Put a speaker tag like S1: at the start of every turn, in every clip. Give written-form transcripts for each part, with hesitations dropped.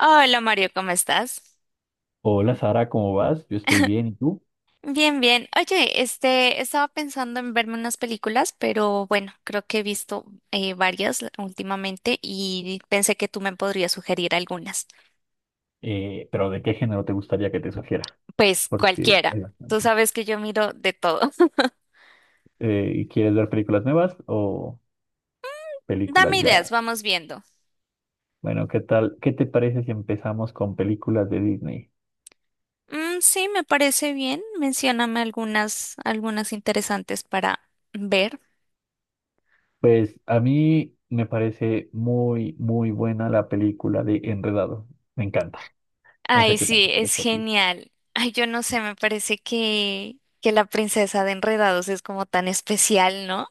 S1: Hola Mario, ¿cómo estás?
S2: Hola Sara, ¿cómo vas? Yo estoy bien, ¿y tú?
S1: Bien, bien. Oye, estaba pensando en verme unas películas, pero bueno, creo que he visto varias últimamente y pensé que tú me podrías sugerir algunas.
S2: Pero ¿de qué género te gustaría que te sugiera?
S1: Pues
S2: Porque
S1: cualquiera.
S2: hay
S1: Tú
S2: bastante.
S1: sabes que yo miro de todo.
S2: ¿Quieres ver películas nuevas o películas
S1: Dame ideas,
S2: ya?
S1: vamos viendo.
S2: Bueno, ¿qué tal? ¿Qué te parece si empezamos con películas de Disney?
S1: Mm, sí, me parece bien. Mencióname algunas, algunas interesantes para ver.
S2: Pues a mí me parece muy, muy buena la película de Enredado. Me encanta. No sé
S1: Ay,
S2: qué tal
S1: sí,
S2: te
S1: es
S2: parece a ti.
S1: genial. Ay, yo no sé, me parece que la princesa de Enredados es como tan especial, ¿no?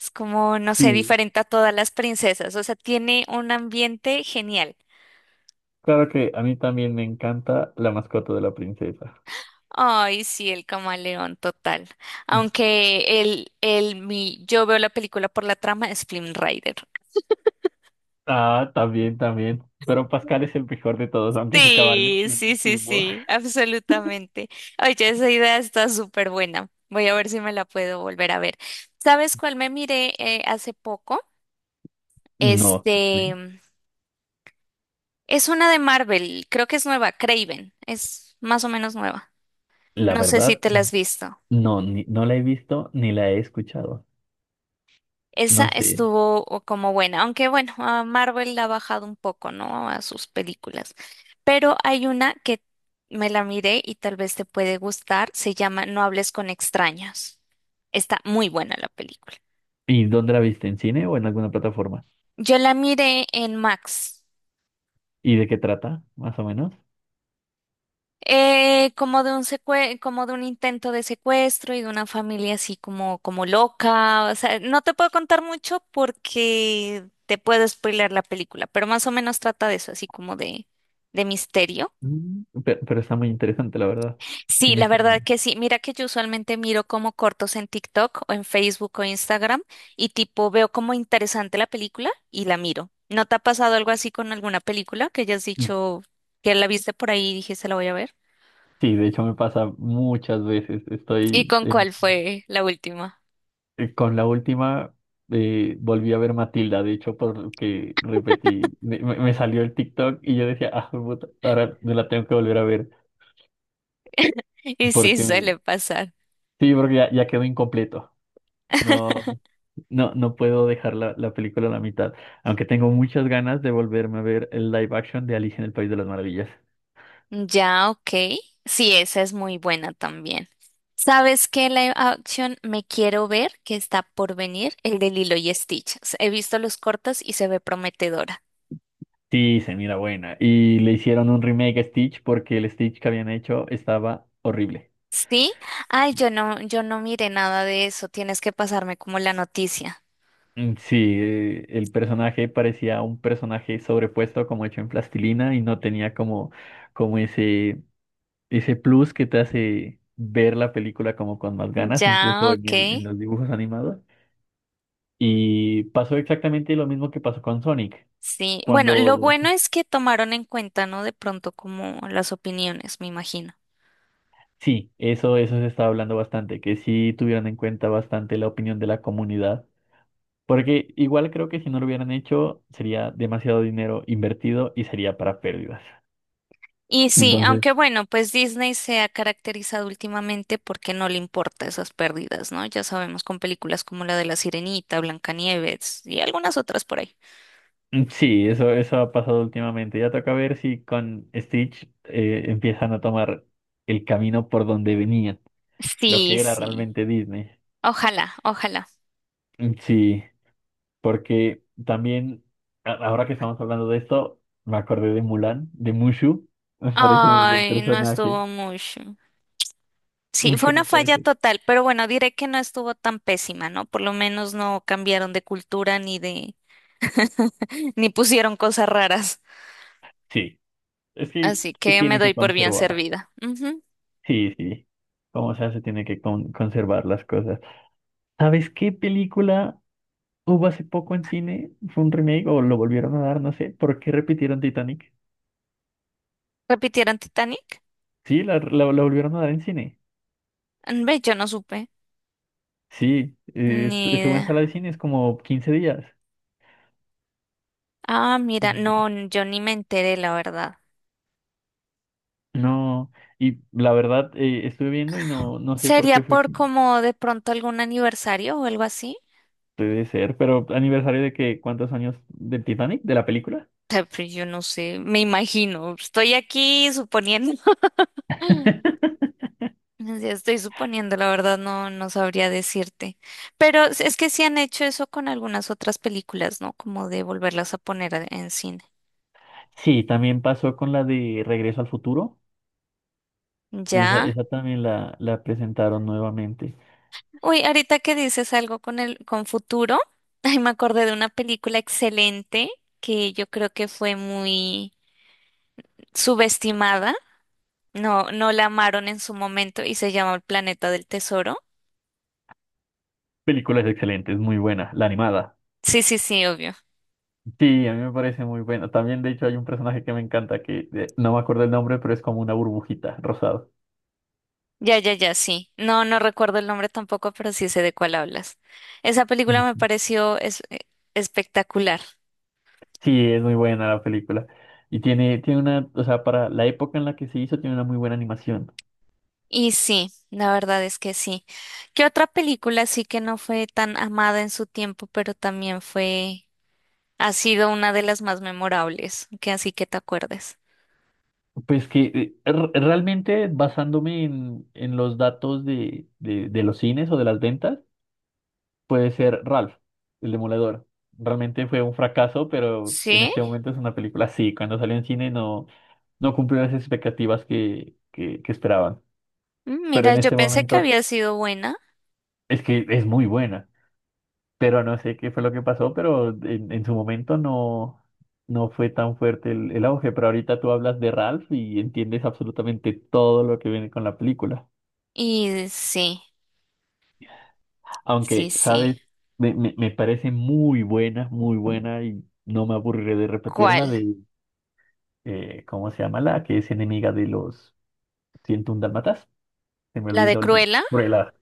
S1: Es como, no sé,
S2: Sí.
S1: diferente a todas las princesas. O sea, tiene un ambiente genial.
S2: Claro que a mí también me encanta La mascota de la princesa.
S1: Ay, sí, el camaleón total. Aunque yo veo la película por la trama, es Flynn Rider.
S2: Ah, también, también. Pero Pascal es el mejor de todos, aunque ese caballo
S1: Sí,
S2: es
S1: sí, sí,
S2: víctima.
S1: sí, absolutamente. Oye, esa idea está súper buena. Voy a ver si me la puedo volver a ver. ¿Sabes cuál me miré hace poco?
S2: No,
S1: Este, es una de Marvel, creo que es nueva, Craven, es más o menos nueva.
S2: la
S1: No sé si
S2: verdad,
S1: te la has visto.
S2: no, no la he visto ni la he escuchado.
S1: Esa
S2: No sé.
S1: estuvo como buena, aunque bueno, a Marvel la ha bajado un poco, ¿no? A sus películas. Pero hay una que me la miré y tal vez te puede gustar, se llama No hables con extraños. Está muy buena la película.
S2: ¿Y dónde la viste? ¿En cine o en alguna plataforma?
S1: Yo la miré en Max.
S2: ¿Y de qué trata, más o menos?
S1: Como de un como de un intento de secuestro y de una familia así como, como loca. O sea, no te puedo contar mucho porque te puedo spoiler la película, pero más o menos trata de eso, así como de misterio.
S2: Mm, pero, está muy interesante, la verdad. Sí
S1: Sí,
S2: me
S1: la
S2: suena.
S1: verdad que sí. Mira que yo usualmente miro como cortos en TikTok o en Facebook o Instagram y tipo veo como interesante la película y la miro. ¿No te ha pasado algo así con alguna película que hayas
S2: Mm.
S1: dicho que la viste por ahí y dijiste la voy a ver?
S2: Sí, de hecho me pasa muchas veces.
S1: ¿Y
S2: Estoy
S1: con cuál fue la última?
S2: Con la última volví a ver Matilda, de hecho, porque repetí, me salió el TikTok y yo decía, ah, puta, ahora me la tengo que volver a ver,
S1: Y sí,
S2: porque me-
S1: suele pasar.
S2: sí, porque ya quedó incompleto. No, no, no puedo dejar la película a la mitad, aunque tengo muchas ganas de volverme a ver el live action de Alicia en el País de las Maravillas.
S1: Ya, ok. Sí, esa es muy buena también. ¿Sabes qué live action me quiero ver que está por venir? El de Lilo y Stitch. He visto los cortos y se ve prometedora.
S2: Sí, se mira buena. Y le hicieron un remake a Stitch porque el Stitch que habían hecho estaba horrible.
S1: ¿Sí? Ay, yo no, yo no miré nada de eso. Tienes que pasarme como la noticia.
S2: Mm, sí, el personaje parecía un personaje sobrepuesto como hecho en plastilina y no tenía como ese, ese plus que te hace ver la película como con más ganas,
S1: Ya,
S2: incluso en
S1: ok.
S2: el- en los dibujos animados. Y pasó exactamente lo mismo que pasó con Sonic.
S1: Sí. Bueno, lo
S2: Cuando,
S1: bueno es que tomaron en cuenta, ¿no? De pronto como las opiniones, me imagino.
S2: sí, eso se estaba hablando bastante, que sí tuvieran en cuenta bastante la opinión de la comunidad. Porque igual creo que si no lo hubieran hecho, sería demasiado dinero invertido y sería para pérdidas.
S1: Y sí,
S2: Entonces.
S1: aunque bueno, pues Disney se ha caracterizado últimamente porque no le importa esas pérdidas, ¿no? Ya sabemos con películas como la de La Sirenita, Blancanieves y algunas otras por ahí.
S2: Mm, sí, eso ha pasado últimamente. Ya toca ver si con Stitch empiezan a tomar el camino por donde venían, lo
S1: Sí,
S2: que era
S1: sí.
S2: realmente Disney.
S1: Ojalá, ojalá.
S2: Mm, sí, porque también, ahora que estamos hablando de esto, me acordé de Mulan, de Mushu. Me parece un buen
S1: Ay, no
S2: personaje.
S1: estuvo mucho. Sí, fue
S2: Mushu
S1: una
S2: me
S1: falla
S2: parece.
S1: total, pero bueno, diré que no estuvo tan pésima, ¿no? Por lo menos no cambiaron de cultura ni de, ni pusieron cosas raras.
S2: Sí, es que
S1: Así
S2: se
S1: que me
S2: tiene que
S1: doy por bien
S2: conservar.
S1: servida. Ujú.
S2: Sí, sí. Como sea, se tiene que conservar las cosas. ¿Sabes qué película hubo hace poco en cine? Fue un remake o lo volvieron a dar, no sé, ¿por qué repitieron Titanic?
S1: ¿Repitieron Titanic?
S2: Sí, la volvieron a dar en cine.
S1: Mm, ve, yo no supe.
S2: Sí,
S1: Ni
S2: estuve en
S1: idea.
S2: sala de cines como 15 días.
S1: Ah,
S2: Y
S1: mira, no, yo ni me enteré, la verdad.
S2: no, y la verdad, estuve viendo y no sé por
S1: ¿Sería
S2: qué fue.
S1: por como de pronto algún aniversario o algo así?
S2: Puede ser, pero aniversario de que, ¿cuántos años del Titanic, de la película?
S1: Ah, pues yo no sé, me imagino. Estoy aquí suponiendo. ya estoy suponiendo, la verdad, no, no sabría decirte. Pero es que sí han hecho eso con algunas otras películas, ¿no? Como de volverlas a poner en cine.
S2: Sí, también pasó con la de Regreso al Futuro. Esa,
S1: Ya.
S2: esa también la presentaron nuevamente.
S1: Uy, ahorita que dices algo con el, con futuro, ay, me acordé de una película excelente que yo creo que fue muy subestimada, no, no la amaron en su momento y se llama El Planeta del Tesoro.
S2: Película es excelente, es muy buena, la animada.
S1: Sí, sí, sí, obvio.
S2: Sí, a mí me parece muy bueno. También, de hecho, hay un personaje que me encanta, que no me acuerdo el nombre, pero es como una burbujita rosada.
S1: Ya, ya, ya, sí. No, no recuerdo el nombre tampoco, pero sí sé de cuál hablas. Esa película me
S2: Ujú.
S1: pareció espectacular.
S2: Sí, es muy buena la película. Y tiene una, o sea, para la época en la que se hizo, tiene una muy buena animación.
S1: Y sí, la verdad es que sí. ¿Qué otra película sí que no fue tan amada en su tiempo, pero también fue, ha sido una de las más memorables, que así que te acuerdes?
S2: Pues que realmente basándome en los datos de los cines o de las ventas, puede ser Ralph, el Demoledor. Realmente fue un fracaso, pero en
S1: Sí,
S2: este momento es una película. Sí, cuando salió en cine no, cumplió las expectativas que esperaban.
S1: mm,
S2: Pero
S1: mira,
S2: en
S1: yo
S2: este
S1: pensé que
S2: momento
S1: había sido buena
S2: es que es muy buena, pero no sé qué fue lo que pasó, pero en su momento no fue tan fuerte el auge, pero ahorita tú hablas de Ralph y entiendes absolutamente todo lo que viene con la película,
S1: y sí. Sí,
S2: aunque,
S1: sí.
S2: ¿sabes? Me parece muy buena y no me aburriré de repetirla.
S1: ¿Cuál?
S2: ¿Cómo se llama la que es enemiga de los 101 dálmatas? Se me
S1: ¿La de
S2: olvidó el nombre.
S1: Cruella?
S2: Cruella.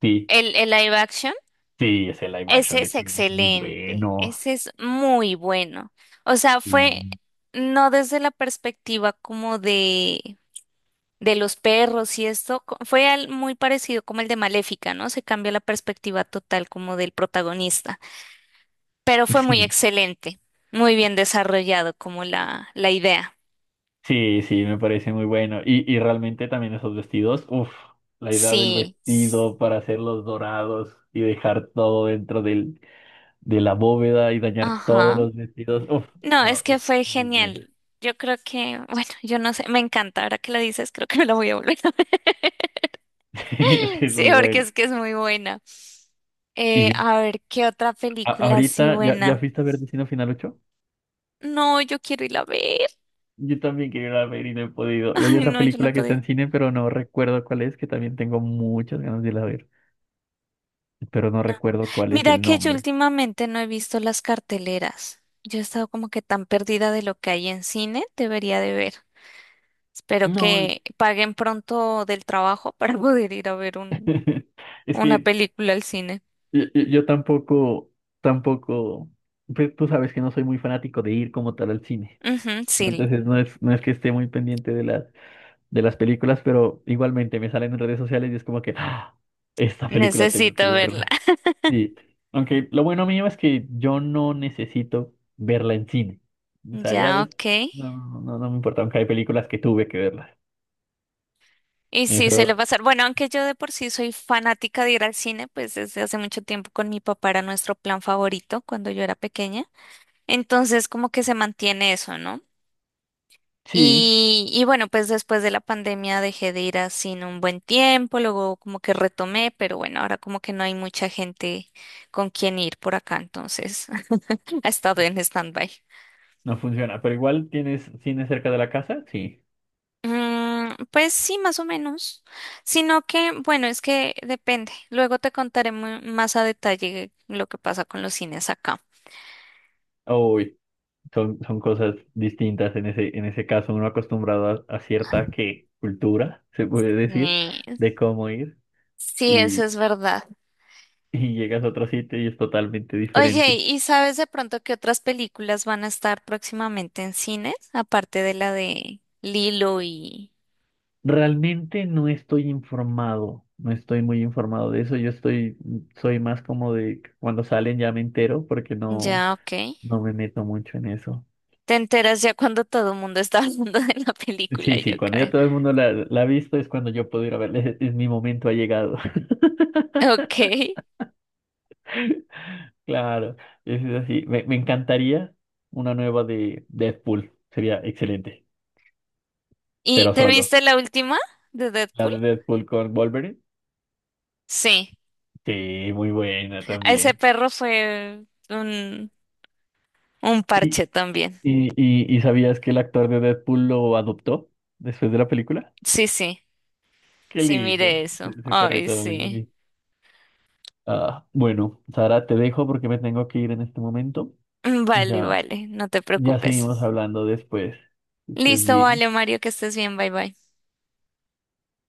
S2: Sí,
S1: El live action?
S2: sí, ese live action
S1: Ese
S2: de
S1: es
S2: Cruella es muy
S1: excelente.
S2: bueno.
S1: Ese es muy bueno. O sea,
S2: Sí.
S1: fue no desde la perspectiva como de los perros y esto. Fue muy parecido como el de Maléfica, ¿no? Se cambia la perspectiva total como del protagonista. Pero fue muy
S2: Sí,
S1: excelente. Muy bien desarrollado como la idea.
S2: sí, sí, me parece muy bueno. Y realmente también esos vestidos, uff, la idea del
S1: Sí. s-
S2: vestido para hacerlos dorados y dejar todo dentro de la bóveda y dañar todos
S1: Ajá.
S2: los vestidos, uff,
S1: No,
S2: no,
S1: es
S2: es
S1: que fue
S2: muy bueno.
S1: genial. Yo creo que, bueno, yo no sé, me encanta. Ahora que lo dices, creo que me la voy a volver a ver.
S2: Sí, es que es
S1: Sí,
S2: muy
S1: porque
S2: bueno.
S1: es que es muy buena.
S2: Y yo,
S1: A ver, ¿qué otra película así
S2: ahorita, ¿ya
S1: buena?
S2: fuiste a ver Destino Final Ocho?
S1: No, yo quiero ir a ver.
S2: Yo también quería ir a ver y no he podido. Y hay
S1: Ay,
S2: otra
S1: no, yo no he
S2: película que está
S1: podido.
S2: en cine, pero no recuerdo cuál es, que también tengo muchas ganas de ir a ver, pero no recuerdo cuál es
S1: Mira
S2: el
S1: que yo
S2: nombre.
S1: últimamente no he visto las carteleras. Yo he estado como que tan perdida de lo que hay en cine, debería de ver. Espero
S2: No,
S1: que paguen pronto del trabajo para poder ir a ver un,
S2: es
S1: una
S2: que
S1: película al cine.
S2: yo tampoco, tampoco, pues tú sabes que no soy muy fanático de ir como tal al cine.
S1: Ujú,
S2: ¿No?
S1: sí,
S2: Entonces no es que esté muy pendiente de las, películas, pero igualmente me salen en redes sociales y es como que, "Ah, esta película tengo que
S1: necesito verla.
S2: verla." Sí, aunque lo bueno mío es que yo no necesito verla en cine. O sea, ya
S1: Ya, ok.
S2: no, no, no no me importa, aunque hay películas que tuve que verlas.
S1: Y sí, se le
S2: Eso
S1: pasar. Bueno, aunque yo de por sí soy fanática de ir al cine, pues desde hace mucho tiempo con mi papá era nuestro plan favorito cuando yo era pequeña. Entonces, como que se mantiene eso, ¿no?
S2: sí,
S1: Y bueno, pues después de la pandemia dejé de ir al cine un buen tiempo, luego como que retomé, pero bueno, ahora como que no hay mucha gente con quien ir por acá, entonces ha estado en stand-by.
S2: no funciona, pero igual tienes cine cerca de la casa, sí.
S1: Mm, pues sí, más o menos. Sino que, bueno, es que depende. Luego te contaré más a detalle lo que pasa con los cines acá.
S2: Uy. Son cosas distintas en ese caso, uno acostumbrado a cierta que cultura, se puede decir,
S1: Sí,
S2: de cómo ir
S1: sí, eso
S2: y,
S1: es verdad.
S2: y llegas a otro sitio y es totalmente
S1: Oye,
S2: diferente.
S1: ¿y sabes de pronto qué otras películas van a estar próximamente en cines? Aparte de la de Lilo y...
S2: Realmente no estoy informado, no estoy muy informado de eso, soy más como de cuando salen ya me entero porque no,
S1: Ya, ok.
S2: no me meto mucho en eso.
S1: Te enteras ya cuando todo el mundo está hablando de la película,
S2: Sí,
S1: yo
S2: sí, cuando ya
S1: creo.
S2: todo el mundo la ha visto es cuando yo puedo ir a verle, es mi momento ha llegado.
S1: Ok.
S2: Claro, es así. Me- encantaría una nueva de Deadpool. Sería excelente,
S1: ¿Y
S2: pero
S1: te
S2: solo.
S1: viste la última de
S2: La
S1: Deadpool?
S2: de Deadpool con Wolverine.
S1: Sí.
S2: Sí, muy buena
S1: Ese
S2: también.
S1: perro fue un
S2: ¿Y,
S1: parche también.
S2: y sabías que el actor de Deadpool lo adoptó después de la película?
S1: Sí, sí,
S2: Qué
S1: sí,
S2: lindo.
S1: mire eso.
S2: Ese
S1: Ay,
S2: perrito muy
S1: sí.
S2: bonito. Ah, bueno, Sara, te dejo porque me tengo que ir en este momento.
S1: Vale,
S2: Ya,
S1: vale, no te
S2: ya seguimos
S1: preocupes.
S2: hablando después. Que estés
S1: Listo,
S2: bien.
S1: vale, Mario, que estés bien, bye bye.